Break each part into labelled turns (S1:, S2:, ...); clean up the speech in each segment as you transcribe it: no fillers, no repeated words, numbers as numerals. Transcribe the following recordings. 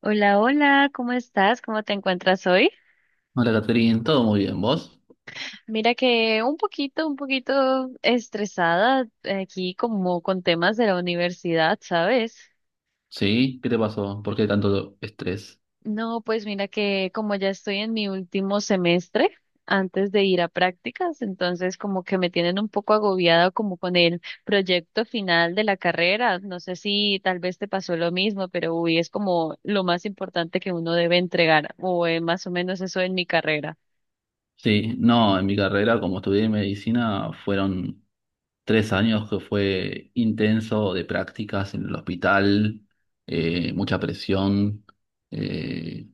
S1: Hola, hola, ¿cómo estás? ¿Cómo te encuentras hoy?
S2: Hola, Catherine, todo muy bien, ¿vos?
S1: Mira que un poquito estresada aquí como con temas de la universidad, ¿sabes?
S2: Sí, ¿qué te pasó? ¿Por qué tanto estrés?
S1: No, pues mira que como ya estoy en mi último semestre antes de ir a prácticas, entonces como que me tienen un poco agobiada como con el proyecto final de la carrera. No sé si tal vez te pasó lo mismo, pero uy, es como lo más importante que uno debe entregar, o más o menos eso en mi carrera.
S2: Sí, no, en mi carrera, como estudié medicina, fueron 3 años que fue intenso de prácticas en el hospital, mucha presión, eh,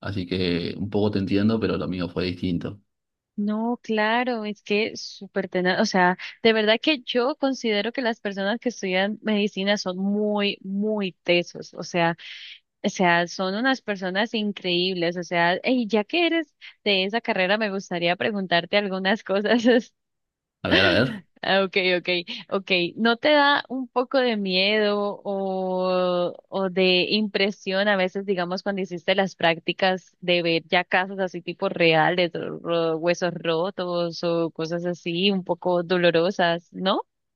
S2: así que un poco te entiendo, pero lo mío fue distinto.
S1: No, claro, es que es súper tenaz, o sea, de verdad que yo considero que las personas que estudian medicina son muy, muy tesos, o sea, son unas personas increíbles, o sea, y ya que eres de esa carrera, me gustaría preguntarte algunas cosas.
S2: A ver, a ver.
S1: Ah, ok, ok, ok. ¿No te da un poco de miedo o de impresión a veces, digamos, cuando hiciste las prácticas de ver ya casos así tipo reales, huesos rotos o cosas así un poco dolorosas, ¿no?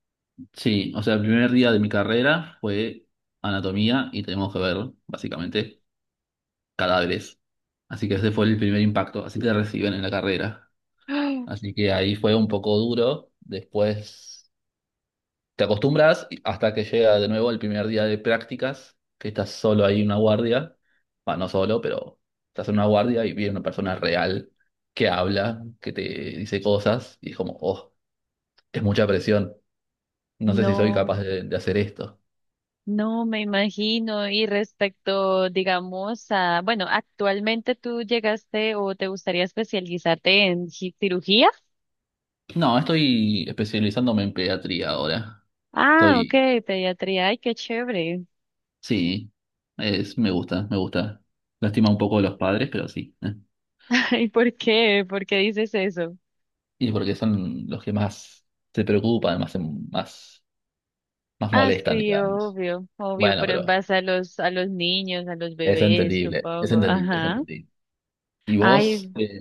S2: Sí, o sea, el primer día de mi carrera fue anatomía y tenemos que ver, básicamente, cadáveres. Así que ese fue el primer impacto, así te reciben en la carrera.
S1: ¡Ah!
S2: Así que ahí fue un poco duro, después te acostumbras hasta que llega de nuevo el primer día de prácticas, que estás solo ahí en una guardia, bueno, no solo, pero estás en una guardia y viene una persona real que habla, que te dice cosas y es como, oh, es mucha presión, no sé si soy
S1: No,
S2: capaz de hacer esto.
S1: no me imagino. Y respecto, digamos, a, bueno, actualmente tú llegaste o te gustaría especializarte en cirugía?
S2: No, estoy especializándome en pediatría ahora.
S1: Ah, ok,
S2: Estoy
S1: pediatría. Ay, qué chévere.
S2: Sí, es, me gusta, me gusta. Lástima un poco a los padres, pero sí.
S1: Ay, ¿por qué? ¿Por qué dices eso?
S2: Y porque son los que más se preocupan, más, más, más
S1: Ah,
S2: molestan,
S1: sí,
S2: digamos.
S1: obvio, obvio,
S2: Bueno,
S1: pero en
S2: pero
S1: base a los niños, a los
S2: es
S1: bebés,
S2: entendible, es
S1: supongo.
S2: entendible, es
S1: Ajá.
S2: entendible. ¿Y
S1: Ay,
S2: vos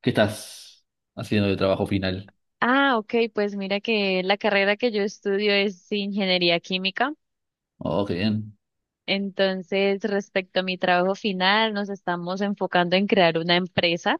S2: qué, estás haciendo de trabajo final?
S1: ah, ok, pues mira que la carrera que yo estudio es ingeniería química.
S2: Oh, qué bien.
S1: Entonces, respecto a mi trabajo final, nos estamos enfocando en crear una empresa.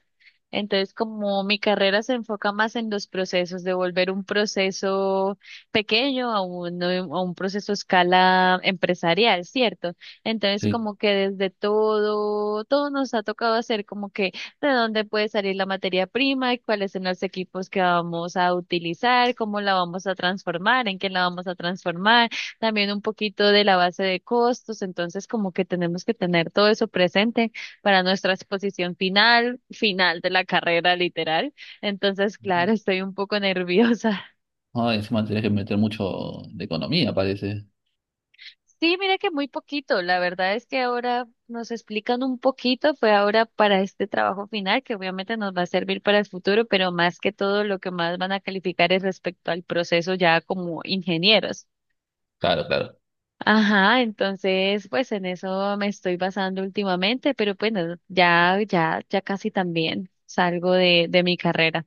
S1: Entonces, como mi carrera se enfoca más en los procesos, de volver un proceso pequeño a un proceso a escala empresarial, ¿cierto? Entonces,
S2: Sí.
S1: como que desde todo, todo nos ha tocado hacer como que de dónde puede salir la materia prima, y cuáles son los equipos que vamos a utilizar, cómo la vamos a transformar, en qué la vamos a transformar también un poquito de la base de costos, entonces como que tenemos que tener todo eso presente para nuestra exposición final, final de la carrera literal. Entonces, claro, estoy un poco nerviosa.
S2: Ay, encima tenés que meter mucho de economía, parece.
S1: Sí, mira que muy poquito, la verdad es que ahora nos explican un poquito, fue ahora para este trabajo final, que obviamente nos va a servir para el futuro, pero más que todo lo que más van a calificar es respecto al proceso ya como ingenieros.
S2: Claro, claro.
S1: Ajá, entonces, pues en eso me estoy basando últimamente, pero bueno, ya casi también salgo de mi carrera.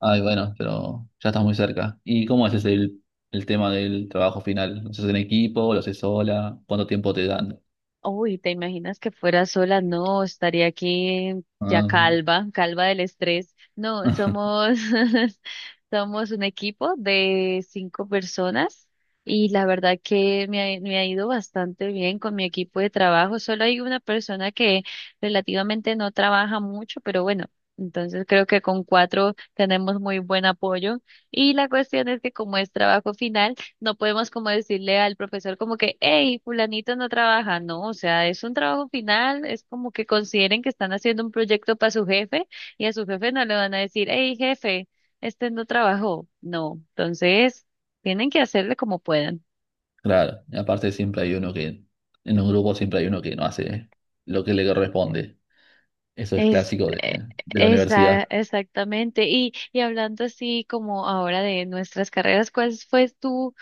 S2: Ay, bueno, pero ya estás muy cerca. ¿Y cómo haces el tema del trabajo final? ¿Lo haces en equipo? ¿Lo haces sola? ¿Cuánto tiempo te dan?
S1: Uy, ¿te imaginas que fuera sola? No, estaría aquí ya
S2: Ah,
S1: calva, calva del estrés. No, somos, somos un equipo de cinco personas y la verdad que me ha ido bastante bien con mi equipo de trabajo. Solo hay una persona que relativamente no trabaja mucho, pero bueno, entonces creo que con cuatro tenemos muy buen apoyo. Y la cuestión es que como es trabajo final, no podemos como decirle al profesor como que, hey, fulanito no trabaja, no, o sea, es un trabajo final, es como que consideren que están haciendo un proyecto para su jefe y a su jefe no le van a decir, hey, jefe, este no trabajó, no, entonces tienen que hacerle como puedan.
S2: Claro, y aparte siempre hay uno que, en un grupo siempre hay uno que no hace lo que le corresponde. Eso es
S1: Es,
S2: clásico de,
S1: eh,
S2: de la universidad.
S1: exactamente. Y hablando así como ahora de nuestras carreras, ¿cuál fue tu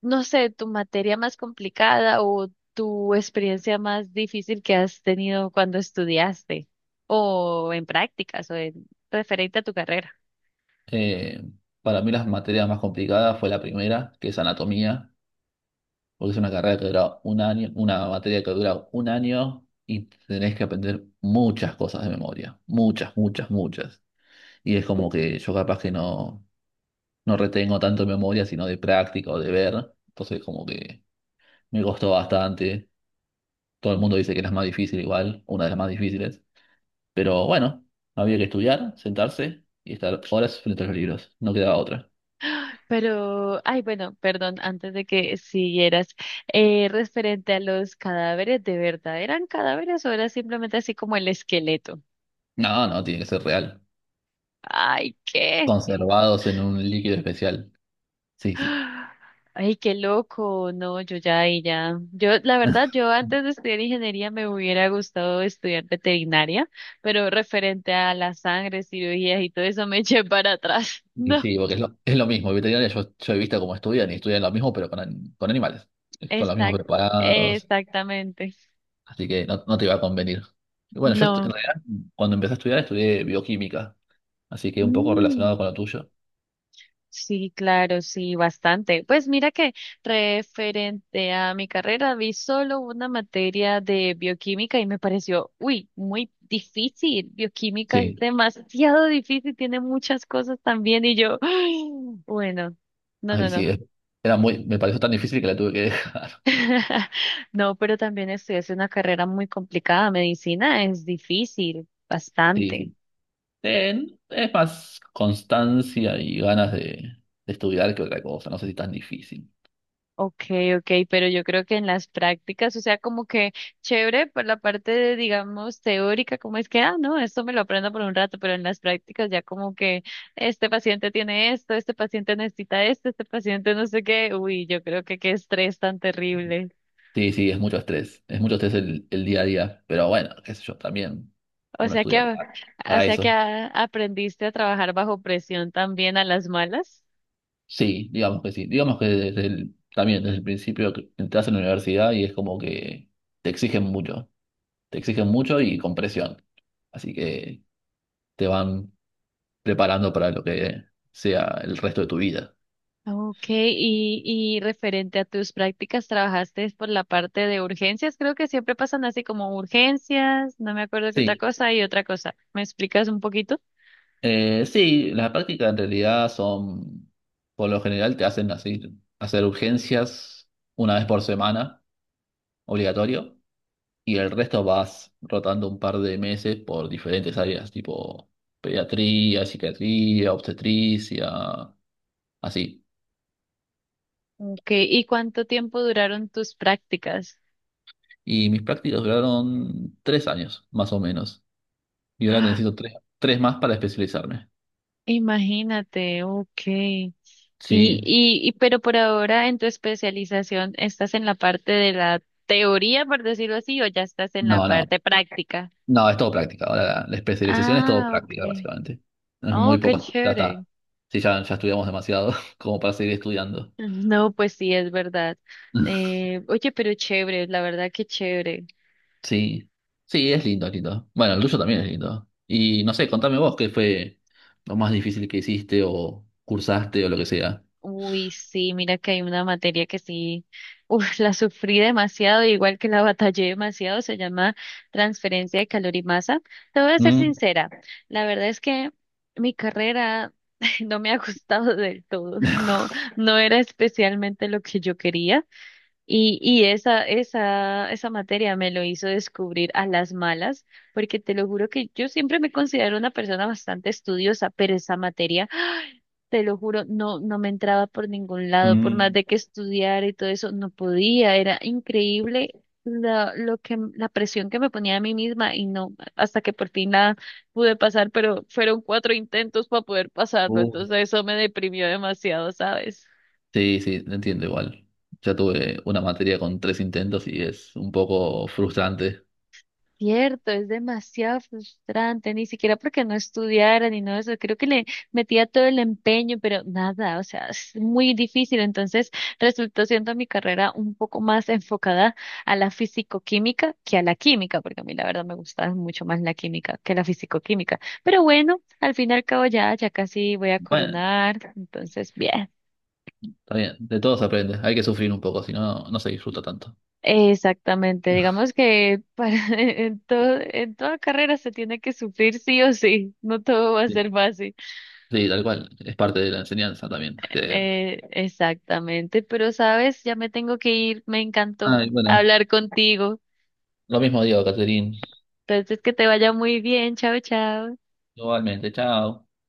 S1: no sé, tu materia más complicada o tu experiencia más difícil que has tenido cuando estudiaste o en prácticas o en referente a tu carrera.
S2: Eh, para mí las materias más complicadas fue la primera, que es anatomía, porque es una carrera que dura un año, una materia que dura un año y tenés que aprender muchas cosas de memoria, muchas, muchas, muchas. Y es como que yo capaz que no retengo tanto de memoria, sino de práctica o de ver. Entonces como que me costó bastante. Todo el mundo dice que es la más difícil igual, una de las más difíciles. Pero bueno, había que estudiar, sentarse y estar horas frente a los libros. No quedaba otra.
S1: Pero, ay, bueno, perdón, antes de que siguieras, referente a los cadáveres, ¿de verdad eran cadáveres o era simplemente así como el esqueleto?
S2: No, no, tiene que ser real.
S1: Ay, ¿qué?
S2: Conservados en un líquido especial. Sí, sí.
S1: Ay, qué loco. No, yo ya ahí ya. Yo, la verdad, yo antes de estudiar ingeniería me hubiera gustado estudiar veterinaria, pero referente a la sangre, cirugías y todo eso me eché para atrás.
S2: Y
S1: No,
S2: sí, porque es lo mismo. Veterinaria yo he visto cómo estudian y estudian lo mismo, pero con animales. Con los mismos
S1: exact,
S2: preparados.
S1: exactamente.
S2: Así que no, no te iba a convenir. Y bueno, en
S1: No.
S2: realidad, cuando empecé a estudiar, estudié bioquímica, así que un poco
S1: Mm.
S2: relacionado con lo tuyo.
S1: Sí, claro, sí, bastante. Pues mira que referente a mi carrera, vi solo una materia de bioquímica y me pareció, uy, muy difícil. Bioquímica es
S2: Sí,
S1: demasiado difícil, tiene muchas cosas también y yo, ay, bueno, no, no,
S2: ay, sí,
S1: no.
S2: era muy, me pareció tan difícil que la tuve que dejar.
S1: No, pero también estudié una carrera muy complicada. Medicina es difícil,
S2: Sí,
S1: bastante.
S2: sí. Es más constancia y ganas de estudiar que otra cosa, no sé si tan difícil.
S1: Okay, okay, pero yo creo que en las prácticas, o sea, como que chévere por la parte de, digamos, teórica, como es que, ah, no, esto me lo aprendo por un rato, pero en las prácticas ya como que este paciente tiene esto, este paciente necesita esto, este paciente no sé qué, uy, yo creo que qué estrés tan terrible.
S2: Sí, sí, es mucho estrés el día a día, pero bueno, qué sé yo, también
S1: O
S2: uno
S1: sea que,
S2: estudia
S1: a-
S2: para,
S1: o
S2: para
S1: sea que
S2: eso.
S1: aprendiste a trabajar bajo presión también a las malas.
S2: Sí. Digamos que también desde el principio que entras en la universidad y es como que te exigen mucho. Te exigen mucho y con presión. Así que te van preparando para lo que sea el resto de tu vida.
S1: Ok, y referente a tus prácticas, trabajaste por la parte de urgencias, creo que siempre pasan así como urgencias, no me acuerdo qué otra
S2: Sí,
S1: cosa y otra cosa. ¿Me explicas un poquito?
S2: sí, las prácticas en realidad son, por lo general te hacen así, hacer urgencias una vez por semana, obligatorio. Y el resto vas rotando un par de meses por diferentes áreas, tipo pediatría, psiquiatría, obstetricia, así.
S1: Ok, ¿y cuánto tiempo duraron tus prácticas?
S2: Y mis prácticas duraron 3 años, más o menos. Y ahora
S1: Ah,
S2: necesito tres más para especializarme.
S1: imagínate, ok.
S2: Sí,
S1: Pero por ahora en tu especialización, ¿estás en la parte de la teoría, por decirlo así, o ya estás en la
S2: no, no,
S1: parte práctica?
S2: no, es todo práctica. Ahora la especialización es todo
S1: Ah,
S2: práctica,
S1: okay.
S2: básicamente. Es muy
S1: Oh, qué
S2: poco, ya
S1: chévere.
S2: está. Sí, ya, ya estudiamos demasiado como para seguir estudiando.
S1: No, pues sí, es verdad. Oye, pero chévere, la verdad que chévere.
S2: Sí, sí, es lindo, es lindo. Bueno, el tuyo también es lindo. Y no sé, contame vos qué fue lo más difícil que hiciste o cursaste o lo que sea.
S1: Uy, sí, mira que hay una materia que sí, uf, la sufrí demasiado, igual que la batallé demasiado, se llama transferencia de calor y masa. Te voy a ser
S2: Mm,
S1: sincera, la verdad es que mi carrera no me ha gustado del todo, no, no era especialmente lo que yo quería. Y esa materia me lo hizo descubrir a las malas, porque te lo juro que yo siempre me considero una persona bastante estudiosa, pero esa materia, te lo juro, no me entraba por ningún lado, por más
S2: Mm,
S1: de que estudiara y todo eso, no podía, era increíble la presión que me ponía a mí misma y no, hasta que por fin la pude pasar, pero fueron cuatro intentos para poder pasarlo,
S2: uf,
S1: entonces eso me deprimió demasiado, ¿sabes?
S2: Sí, sí, te entiendo igual. Ya tuve una materia con tres intentos y es un poco frustrante.
S1: Cierto, es demasiado frustrante, ni siquiera porque no estudiara ni nada de eso, creo que le metía todo el empeño, pero nada, o sea, es muy difícil, entonces resultó siendo mi carrera un poco más enfocada a la fisicoquímica que a la química, porque a mí la verdad me gusta mucho más la química que la fisicoquímica, pero bueno, al fin y al cabo ya, ya casi voy a
S2: Bueno,
S1: coronar, entonces bien.
S2: está bien, de todo se aprende. Hay que sufrir un poco, si no, no se disfruta tanto.
S1: Exactamente, digamos que para, en todo, en toda carrera se tiene que sufrir sí o sí, no todo va a
S2: Sí,
S1: ser fácil.
S2: sí, tal cual. Es parte de la enseñanza también, creo.
S1: Exactamente, pero sabes, ya me tengo que ir, me encantó
S2: Ay, bueno,
S1: hablar contigo.
S2: lo mismo digo, Caterín.
S1: Entonces, que te vaya muy bien, chao, chao.
S2: Igualmente, chao.